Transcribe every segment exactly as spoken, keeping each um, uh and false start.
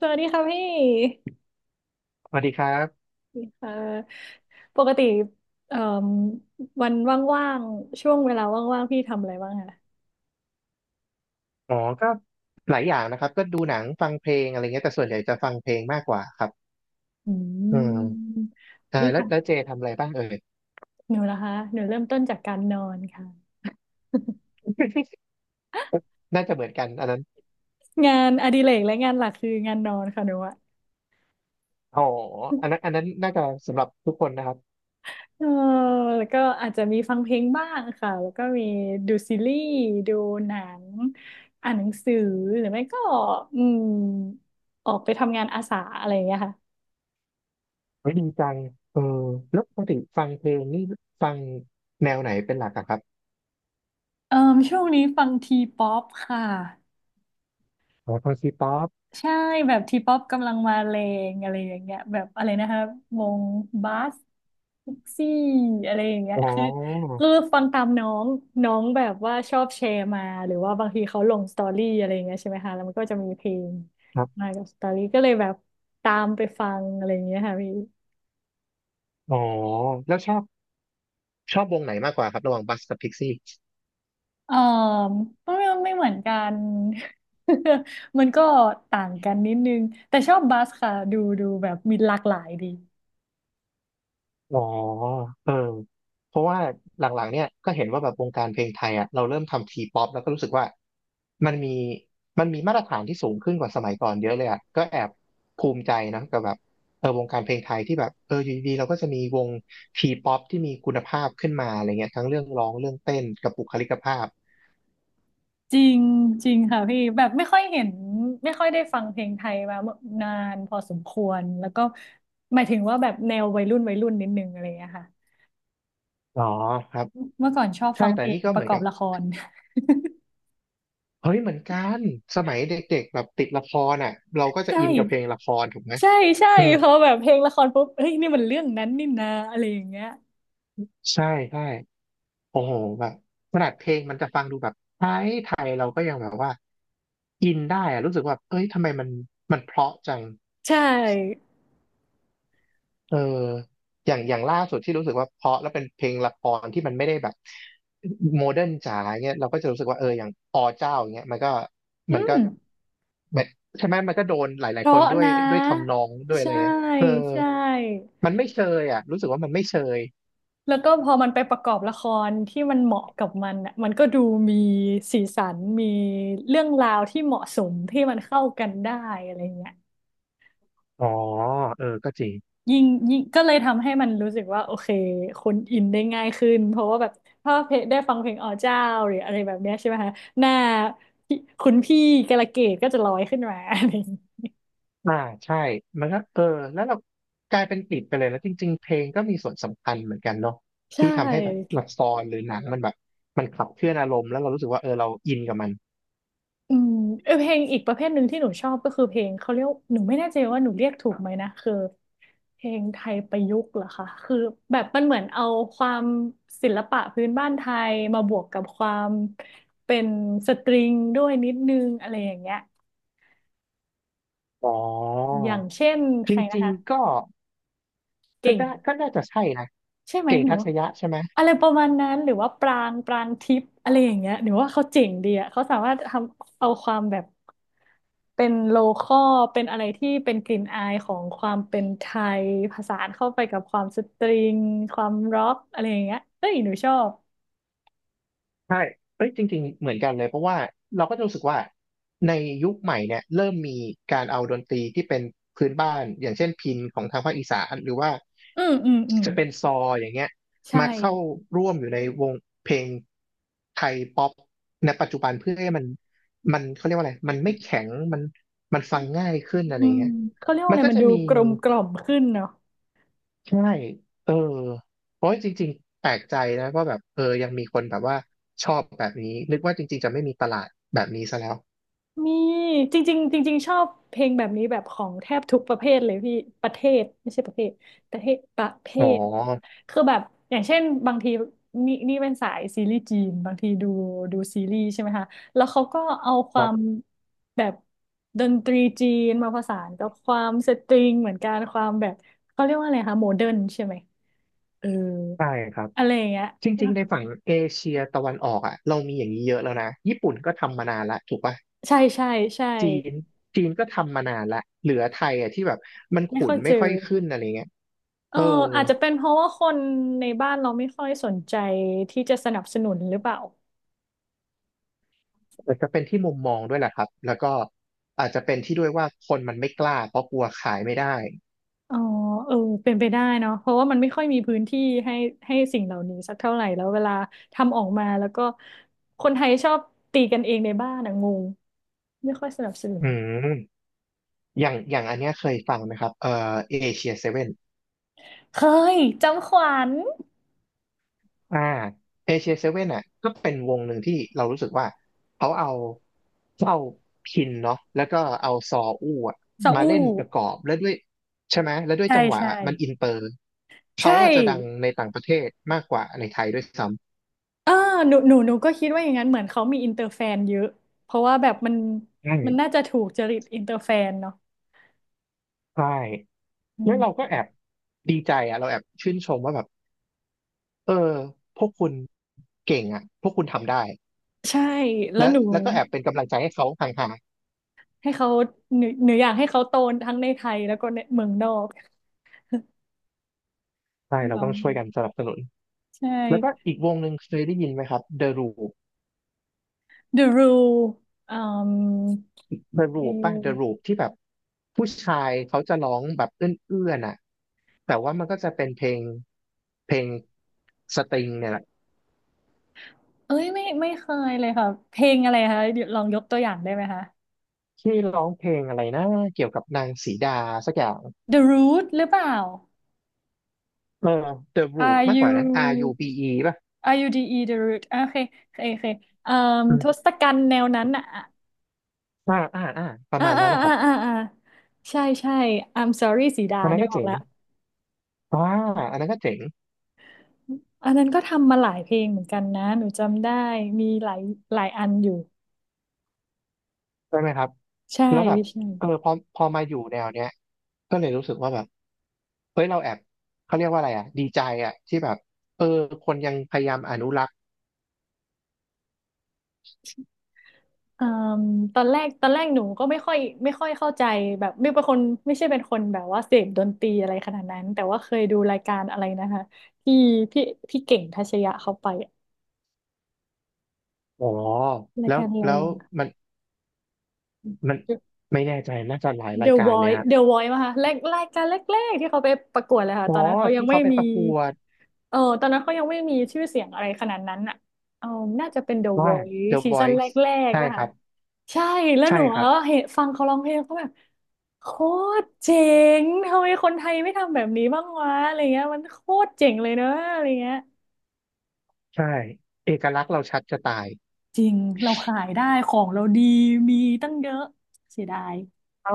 สวัสดีค่ะพี่สวัสดีครับเอ่อปกติเอ่มวันว่างๆช่วงเวลาว่างๆพี่ทำอะไรบ้างคะอ๋อก็หลายอย่างนะครับก็ดูหนังฟังเพลงอะไรเงี้ยแต่ส่วนใหญ่จะฟังเพลงมากกว่าครับอือืมมใช่พี่ขแล้วองแล้วเจทำอะไรบ้างเอ่ย หนูนะคะหนูเริ่มต้นจากการนอนค่ะ น่าจะเหมือนกันอันนั้น งานอดิเรกและงานหลักคืองานนอนค่ะหนูอะ อ๋ออันนั้น อันนั้นน่าจะสำหรับทุกคนนะครับเออแล้วก็อาจจะมีฟังเพลงบ้างค่ะแล้วก็มีดูซีรีส์ดูหนังอ่านหนังสือหรือไม่ก็อืมออกไปทำงานอาสาอะไรอย่างเงี้ยค่ะ เฮ้ยดีจังเออแล้วปกติฟังเพลงนี่ฟังแนวไหนเป็นหลักอะครับเอ่อช่วงนี้ฟังทีป๊อปค่ะอ๋อฟังซีป๊อปใช่แบบทีป๊อปกำลังมาแรงอะไรอย่างเงี้ยแบบอะไรนะครับวงบัสพิกซี่อะไรอย่างเงี้ยอ๋อคือคือฟังตามน้องน้องแบบว่าชอบแชร์มาหรือว่าบางทีเขาลงสตอรี่อะไรอย่างเงี้ยใช่ไหมคะแล้วมันก็จะมีเพลงครัมาบกับสตอรี่ก็เลยแบบตามไปฟังอะไรอย่างเงี้ยค่ะพี่ อ๋อแล้วชอบชอบวงไหนมากกว่าครับระหว่างบัสกับพิกซี่ เออก็ไม่ไม่เหมือนกัน มันก็ต่างกันนิดนึงแต่ชอบบาสค่ะดูดูแบบมีหลากหลายดีอ๋อเออเพราะว่าหลังๆเนี่ยก็เห็นว่าแบบวงการเพลงไทยอ่ะเราเริ่มทำทีป๊อปแล้วก็รู้สึกว่ามันมีมันมีมาตรฐานที่สูงขึ้นกว่าสมัยก่อนเยอะเลยอ่ะก็แอบภูมิใจนะกับแบบเออวงการเพลงไทยที่แบบเอออยู่ดีๆเราก็จะมีวงทีป๊อปที่มีคุณภาพขึ้นมาอะไรเงี้ยทั้งเรื่องร้องเรื่องเต้นกับบุคลิกภาพจริงจริงค่ะพี่แบบไม่ค่อยเห็นไม่ค่อยได้ฟังเพลงไทยมานานพอสมควรแล้วก็หมายถึงว่าแบบแนววัยรุ่นวัยรุ่นนิดนึงอะไรอย่างเงี้ยค่ะอ๋อครับเมื่อก่อนชอบใช่ฟังแต่เพลนี่งก็ปเหมืระอกนอกับบละคร เฮ้ยเหมือนกันสมัยเด็กๆแบบติดละครอ่ะเราก็ใชจะอินกับเพลง่ละครถูกไหมใช่ใช่อืมพอแบบเพลงละครปุ๊บเฮ้ยนี่มันเรื่องนั้นนี่นะอะไรอย่างเงี้ยใช่ใช่ โอ้โหแบบขนาดเพลงมันจะฟังดูแบบไทยไทยเราก็ยังแบบว่าอินได้อะรู้สึกว่าเอ้ยทำไมมันมันเพราะจังใช่เอออย่างอย่างล่าสุดที่รู้สึกว่าเพราะแล้วเป็นเพลงละครที่มันไม่ได้แบบโมเดิร์นจ๋าเงี้ยเราก็จะรู้สึกว่าเอออย่างอเจ้าอย่างเงี้ยมันก็อืมันก็ม แบบใช่ไหมมันก็โดนหลาเพยๆคนราะด้วยนะด้วยทำนองด้วยอะไรใช่เงี้ยเออใช่มันไม่เชยอ่ะรู้สึกว่ามันไม่เชยแล้วก็พอมันไปประกอบละครที่มันเหมาะกับมันอ่ะมันก็ดูมีสีสันมีเรื่องราวที่เหมาะสมที่มันเข้ากันได้อะไรเงี้ยอ๋อเออก็จริง ยิ่งยิ่งก็เลยทำให้มันรู้สึกว่าโอเคคนอินได้ง่ายขึ้นเพราะว่าแบบถ้าเพลงได้ฟังเพลงอ๋อเจ้าหรืออะไรแบบเนี้ยใช่ไหมคะหน้าพี่คุณพี่กาลเกตก็จะลอยขึ้นมาอะไรอย่างเงี้ยอ่าใช่มันก็เออแล้วเรากลายเป็นติดไปเลยแล้วจริงๆเพลงก็มีส่วนสำคัญเหมือนกันเนาะใช่ ที่ทำให้แบบละครหรือหนังมันแบบมันขับเคลื่อนอารมณ์แล้วเรารู้สึกว่าเออเราอินกับมันอืมเออเพลงอีกประเภทหนึ่งที่หนูชอบก็คือเพลงเขาเรียกหนูไม่แน่ใจว่าหนูเรียกถูกไหมนะคือเพลงไทยประยุกต์เหรอคะคือแบบมันเหมือนเอาความศิลปะพื้นบ้านไทยมาบวกกับความเป็นสตริงด้วยนิดนึงอะไรอย่างเงี้ยอ๋ออย่างเช่นจใครนะริงคะๆก็ก็เก่งได้ก็น่าจะใช่นะใช่ไหมเก่งหนู ทัชยะใช่ไหม อะไรประมาณนั้นหรือว่าปรางปรางทิพย์อะไรอย่างเงี้ยหรือว่าเขาเจ๋งดีอ่ะเขาสามารถทำเอาความแบบเป็นโลคอลเป็นอะไรที่เป็นกลิ่นอายของความเป็นไทยผสานเข้าไปกับความสตริงความร็อกอะไรอย่างเงี้ยเอ้ยหนูชอบใช่เอ้ยจริงๆเหมือนกันเลยเพราะว่าเราก็จะรู้สึกว่าในยุคใหม่เนี่ยเริ่มมีการเอาดนตรีที่เป็นพื้นบ้านอย่างเช่นพิณของทางภาคอีสานหรือว่าอืมอืมอืมจะเป็นซออย่างเงี้ยใช่มาเข้าร่วมอยู่ในวงเพลงไทยป๊อปในปัจจุบันเพื่อให้มันมันเขาเรียกว่าอะไรมันไม่แข็งมันมันฟังง่ายขึ้นอะไรอืมเงี้ยเขาเรียกว่ามัอะนไรก็มันจะดูมี กลมกล่อมขึ้นเนาะ ใช่เออเพราะจริงๆแปลกใจนะว่าแบบเออยังมีคนแบบว่าชอบแบบนี้นึกว่าจริงๆจะไม่มีตลาดแบบนี้ซะแล้วมีจริงๆจริงๆชอบเพลงแบบนี้แบบของแทบทุกประเภทเลยพี่ประเทศไม่ใช่ประเภทประเทศประเภอ๋อทคือแบบอย่างเช่นบางทีนี่นี่เป็นสายซีรีส์จีนบางทีดูดูซีรีส์ใช่ไหมคะแล้วเขาก็เอาคควารัมบแบบดนตรีจีนมาผสานกับความสตริงเหมือนกันความแบบเขาเรียกว่าอะไรคะโมเดิร์นใช่ไหมเออใช่ครับอะไรอย่างเงี้ยจริงๆในฝั่งเอเชียตะวันออกอ่ะเรามีอย่างนี้เยอะแล้วนะญี่ปุ่นก็ทำมานานละถูกป่ะใช่ใช่ใช่จีนจีนก็ทำมานานละเหลือไทยอ่ะที่แบบมันไม่ขุค่นอยเจไม่อ ค่อยขึ้นอะไรเงี้ยเอเออออาจจะเป็นเพราะว่าคนในบ้านเราไม่ค่อยสนใจที่จะสนับสนุนหรือเปล่าอาจจะเป็นที่มุมมองด้วยแหละครับแล้วก็อาจจะเป็นที่ด้วยว่าคนมันไม่กล้าเพราะกลัวขายไม่ได้อ๋อเออเป็นไปได้เนาะเพราะว่ามันไม่ค่อยมีพื้นที่ให้ให้สิ่งเหล่านี้สักเท่าไหร่แล้วเวลาทำออกมาแล้วก็คนไทยชอบตีกันเองในบ้านอะงงไม่ค่อยสนับสนุอืนม อย่างอย่างอันเนี้ยเคยฟังไหมครับเอ่อเอเชียเซเว่นเคยจำขวัญอ่าเอเชียเซเว่นอ่ะก็เป็นวงหนึ่งที่เรารู้สึกว่าเขาเอาเข้าพินเนาะแล้วก็เอาซออู้อะซามาอูเล่นประกอบแล้วด้วยใช่ไหมแล้วด้วยใช่จังหวะใช่มันอินเตอร์เขาใช่อาจจะดังในต่างประเทศมากกว่าในไทยด้วยซ้เออหนูหนูหนูก็คิดว่าอย่างนั้นเหมือนเขามีอินเตอร์แฟนเยอะเพราะว่าแบบมันำใช่มันน่าจะถูกจริตอินเตอร์แฟนเนาะ ใช่แล้วเราก็แอบดีใจอ่ะเราแอบชื่นชมว่าแบบเออพวกคุณเก่งอ่ะพวกคุณทำได้ใช่แล้วแล้วหนูแล้วก็แอบเป็นกำลังใจให้เขาห่างๆ ให้เขาหนูหนูอยากให้เขาโตทั้งในไทยแล้วก็ในเมืองนอกใช่เราต้เนาะองช่วยกันสนับสนุนใชแล้วก็่ อีกวงหนึ่งเคยได้ยินไหมครับ The Roop The Rule อืม The เพล Roop ป่ะ ง The Roop ที่แบบผู้ชายเขาจะร้องแบบเอื้อนๆอ่ะแต่ว่ามันก็จะเป็นเพลงเพลงสตริงเนี่ยแหละเอ้ยไม่ไม่เคยเลยค่ะ เพลงอะไรคะเดี๋ยวลองยกตัวอย่างได้ไหมคะ ที่ร้องเพลงอะไรนะเกี่ยวกับนางสีดาสักอย่าง The Root หรือเปล่า เออ The Roop R มากกว่านะ R U U B E ป่ะ R U D E The Root อ่ะโอเคโอเคโอเคอืมอืทศมกัณฐ์แนวนั้นอ่ะอ่าอ่าอ่าประอ่ามาณอ่านั้นนะคอ่ารับอ่าใช่ใช่ I'm sorry สีดาอันนั้นนึกก็ออกเจ๋งแล้ว อ่าอันนั้นก็เจ๋งอันนั้นก็ทำมาหลายเพลงเหมือนกันนะหนูจำได้มีหลายหลายอันอยู่ใช่ไหมครับใช่แล้วแบบใช่เออพอพอมาอยู่แนวเนี้ยก็เลยรู้สึกว่าแบบ เฮ้ยเราแอบเขาเรียกว่าอะไรอ่ะดีใจอ่ะที่แบบเออคนยังพยายามอนุรักษ์อืมตอนแรกตอนแรกหนูก็ไม่ค่อยไม่ค่อยเข้าใจแบบไม่เป็นคนไม่ใช่เป็นคนแบบว่าเสพดนตรีอะไรขนาดนั้นแต่ว่าเคยดูรายการอะไรนะคะที่พี่พี่เก่งทัชยะเขาไปอะอ๋อรายแล้วการอะไรแล้วอย่าง มันมันไม่แน่ใจน่าจะหลายรา The ยการเลย Voice ฮะ The Voice มาค่ะแรกรายการแรกๆที่เขาไปประกวดเลยค่ะอ๋อตอนนั้นเขายังที่ไม่เขาไปมี ประกวดเออตอนนั้นเขายังไม่มีชื่อเสียงอะไรขนาดนั้นอ่ะเออน่าจะเป็น The ว่า Voice The ซีซั่นแร Voice กใช่ๆป่ะครัคะบใช่แล้วใช่หนูครัก็บเห็นฟังเขาร้องเพลงเขาแบบโคตรเจ๋งทำไมคนไทยไม่ทำแบบนี้บ้างวะอะไรเงี้ยมันโคตรเจ๋งเลยเนอะอะไรเงี้ยใช่เอกลักษณ์เราชัดจะตายจริงเราขายได้ของเราดีมีตั้งเยอะเสียดาย เออ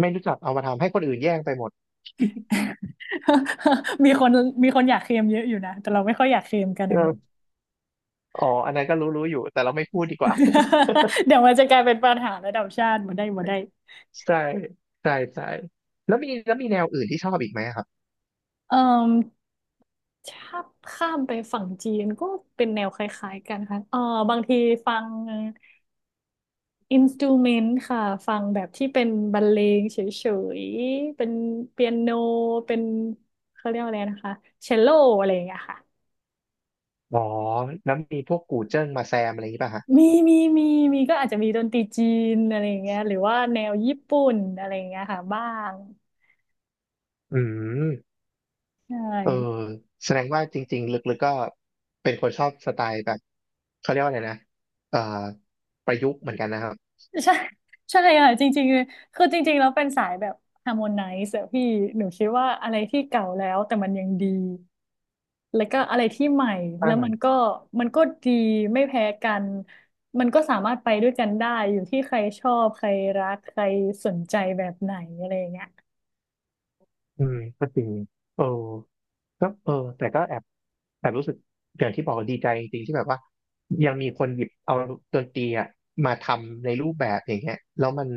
ไม่รู้จักเอามาทำให้คนอื่นแย่งไปหมด มีคนมีคนอยากเคลมเยอะอยู่นะแต่เราไม่ค่อยอยากเคลมกันนะงง เอออ๋ออันนั้นก็รู้รู้อยู่แต่เราไม่พูดดีกว่า เดี๋ยวมันจะกลายเป็นปัญหาระดับชาติมาได้มาได้ ใช่ใช่ใช่แล้วมีแล้วมีแนวอื่นที่ชอบอีกไหมอะครับเออ ถ้าข้ามไปฝั่งจีนก็เป็นแนวคล้ายๆกันค่ะเออบางทีฟังอินสตูเมนต์ค่ะฟังแบบที่เป็นบรรเลงเฉยๆเป็นเปียโนเป็นเขาเรียกว่าอะไรนะคะเชลโลอะไรอย่างเงี้ยค่ะอ๋อแล้วมีพวกกูเจิ้งมาแซมอะไรอย่างนี้ป่ะฮะ มีมีมีมีก็อาจจะมีดนตรีจีนอะไรอย่างเงี้ยหรือว่าแนวญี่ปุ่นอะไรอย่างเงี้ยค่ะบ้างอืมใชเออ่แสดงว่าจริงๆลึกๆก็เป็นคนชอบสไตล์แบบเขาเรียกว่าอะไรนะเอ่อประยุกต์เหมือนกันนะครับใช่ใช่ค่ะจริงๆคือจริงๆแล้วเป็นสายแบบฮาร์โมไนซ์อะพี่หนูคิดว่าอะไรที่เก่าแล้วแต่มันยังดี แล้วก็อะไรที่ใหม่แล้วอ่ามันก็มันก็ดีไม่แพ้กันมันก็สามารถไปด้วยกันได้อยู่ที่ใครชอบใครรักใครสนใจแบบไหนอะไรอย่างเงี้ยอืมก็จริงเออก็เออแต่ก็แอบแอบรู้สึกอย่างที่บอกดีใจจริงๆที่แบบว่ายังมีคนหยิบเอาดนตรีอะมาทำในรูปแบบอย่างเงี้ยแล้วมัน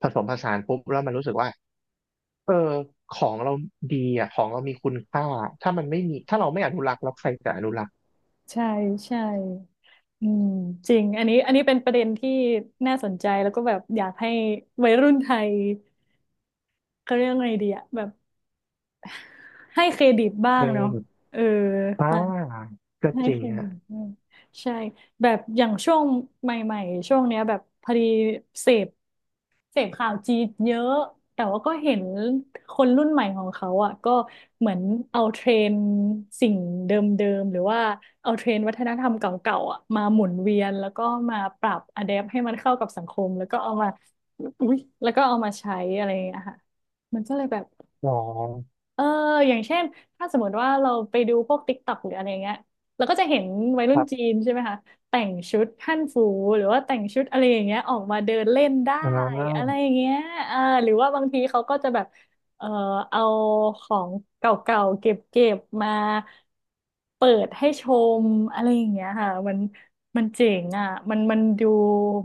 ผสมผสานปุ๊บแล้วมันรู้สึกว่าเออของเราดีอ่ะของเรามีคุณค่าถ้ามันไม่มีถ้าเราไม่อนุรักษ์แล้วใครจะอนุรักษ์ ใช่ใช่อืมจริงอันนี้อันนี้เป็นประเด็นที่น่าสนใจแล้วก็แบบอยากให้วัยรุ่นไทยเขาเรียกว่าไงดีอะแบบให้เครดิตบ้างเนาะเออ อ่าก็ให้จริเคงรดิอ่ะตด้วยใช่แบบอย่างช่วงใหม่ๆ ช่วงเนี้ยแบบพอดีเสพเสพข่าวจีนเยอะ แต่ว่าก็เห็นคนรุ่นใหม่ของเขาอ่ะก็เหมือนเอาเทรนด์สิ่งเดิมๆ หรือว่าเอาเทรนด์วัฒนธรรมเก่าๆอ่ะมาหมุนเวียนแล้วก็มาปรับอะแดปให้มันเข้ากับสังคมแล้วก็เอามา อุ๊ยแล้วก็เอามาใช้อะไรอย่างเงี้ยค่ะ มันก็เลยแบบ อ๋อเอออย่างเช่นถ้าสมมติว่าเราไปดูพวก ติ๊กต็อก หรืออะไรเงี้ยเราก็จะเห็นวัยครุ่นรัจีบนใช่ไหมคะแต่งชุดฮั่นฟูหรือว่าแต่งชุดอะไรอย่างเงี้ยออกมาเดินเล่นได้อ่อะไราอย่างเงี้ยเออหรือว่าบางทีเขาก็จะแบบเออเอาของเก่าๆเก็บๆมาเปิดให้ชมอะไรอย่างเงี้ยค่ะมันมันเจ๋งอ่ะมันมันดู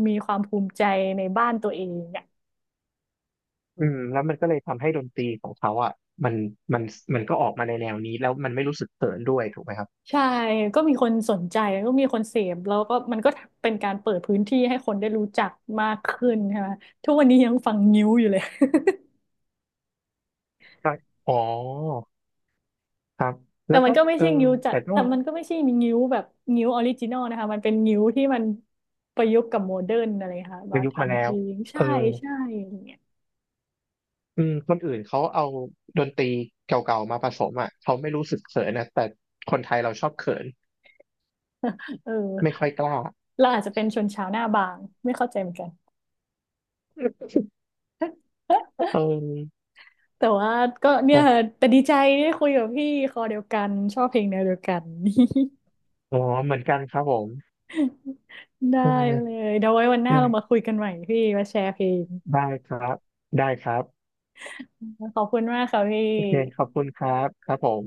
มีความภูมิใจในบ้านตัวเอง อืมแล้วมันก็เลยทำให้ดนตรีของเขาอ่ะมันมันมันก็ออกมาในแนวนี้แล้วมันไม่รู้สึกเขินด้วยถูกไหมครับใช่ก็มีคนสนใจก็มีคนเสพแล้วก็มันก็เป็นการเปิดพื้นที่ให้คนได้รู้จักมากขึ้นใช่ไหมทุกวันนี้ยังฟังงิ้วอยู่เลย ก็อ๋อครับ แต่แล้วมัก็นก็ไม่เออใช่งิ้วจะแต่ต้อแต่งมันก็ไม่ใช่มีงิ้วแบบงิ้วออริจินอลนะคะมันเป็นงิ้วที่มันประยุกต์กับโมเดิร์นอะไรค่ะปมาระยุกต์มาทำแล้เพวลงเอใช่อใช่อย่างเงี้ยอืมคนอื่นเขาเอาดนตรีเก่าๆมาผสมอ่ะเขาไม่รู้สึกเขินนะแต่คนไทยเราชอบเขินเออไม่ค่อยกล้าเราอาจจะเป็นชนชาวหน้าบางไม่เข้าใจเหมือนกัน เออแต่ว่าก็คเนี่ยรับแต่ดีใจได้คุยกับพี่คอเดียวกันชอบเพลงแนวเดียวกัน อ๋อเหมือนกันครับผมได้เอเลอยเดี๋ยวไว้วันหน้าได้เรามาคุยกันใหม่พี่มาแชร์เพลงได้ครับได้ครับ ขอบคุณมากค่ะพี่โอเค ขอบคุณครับครับผม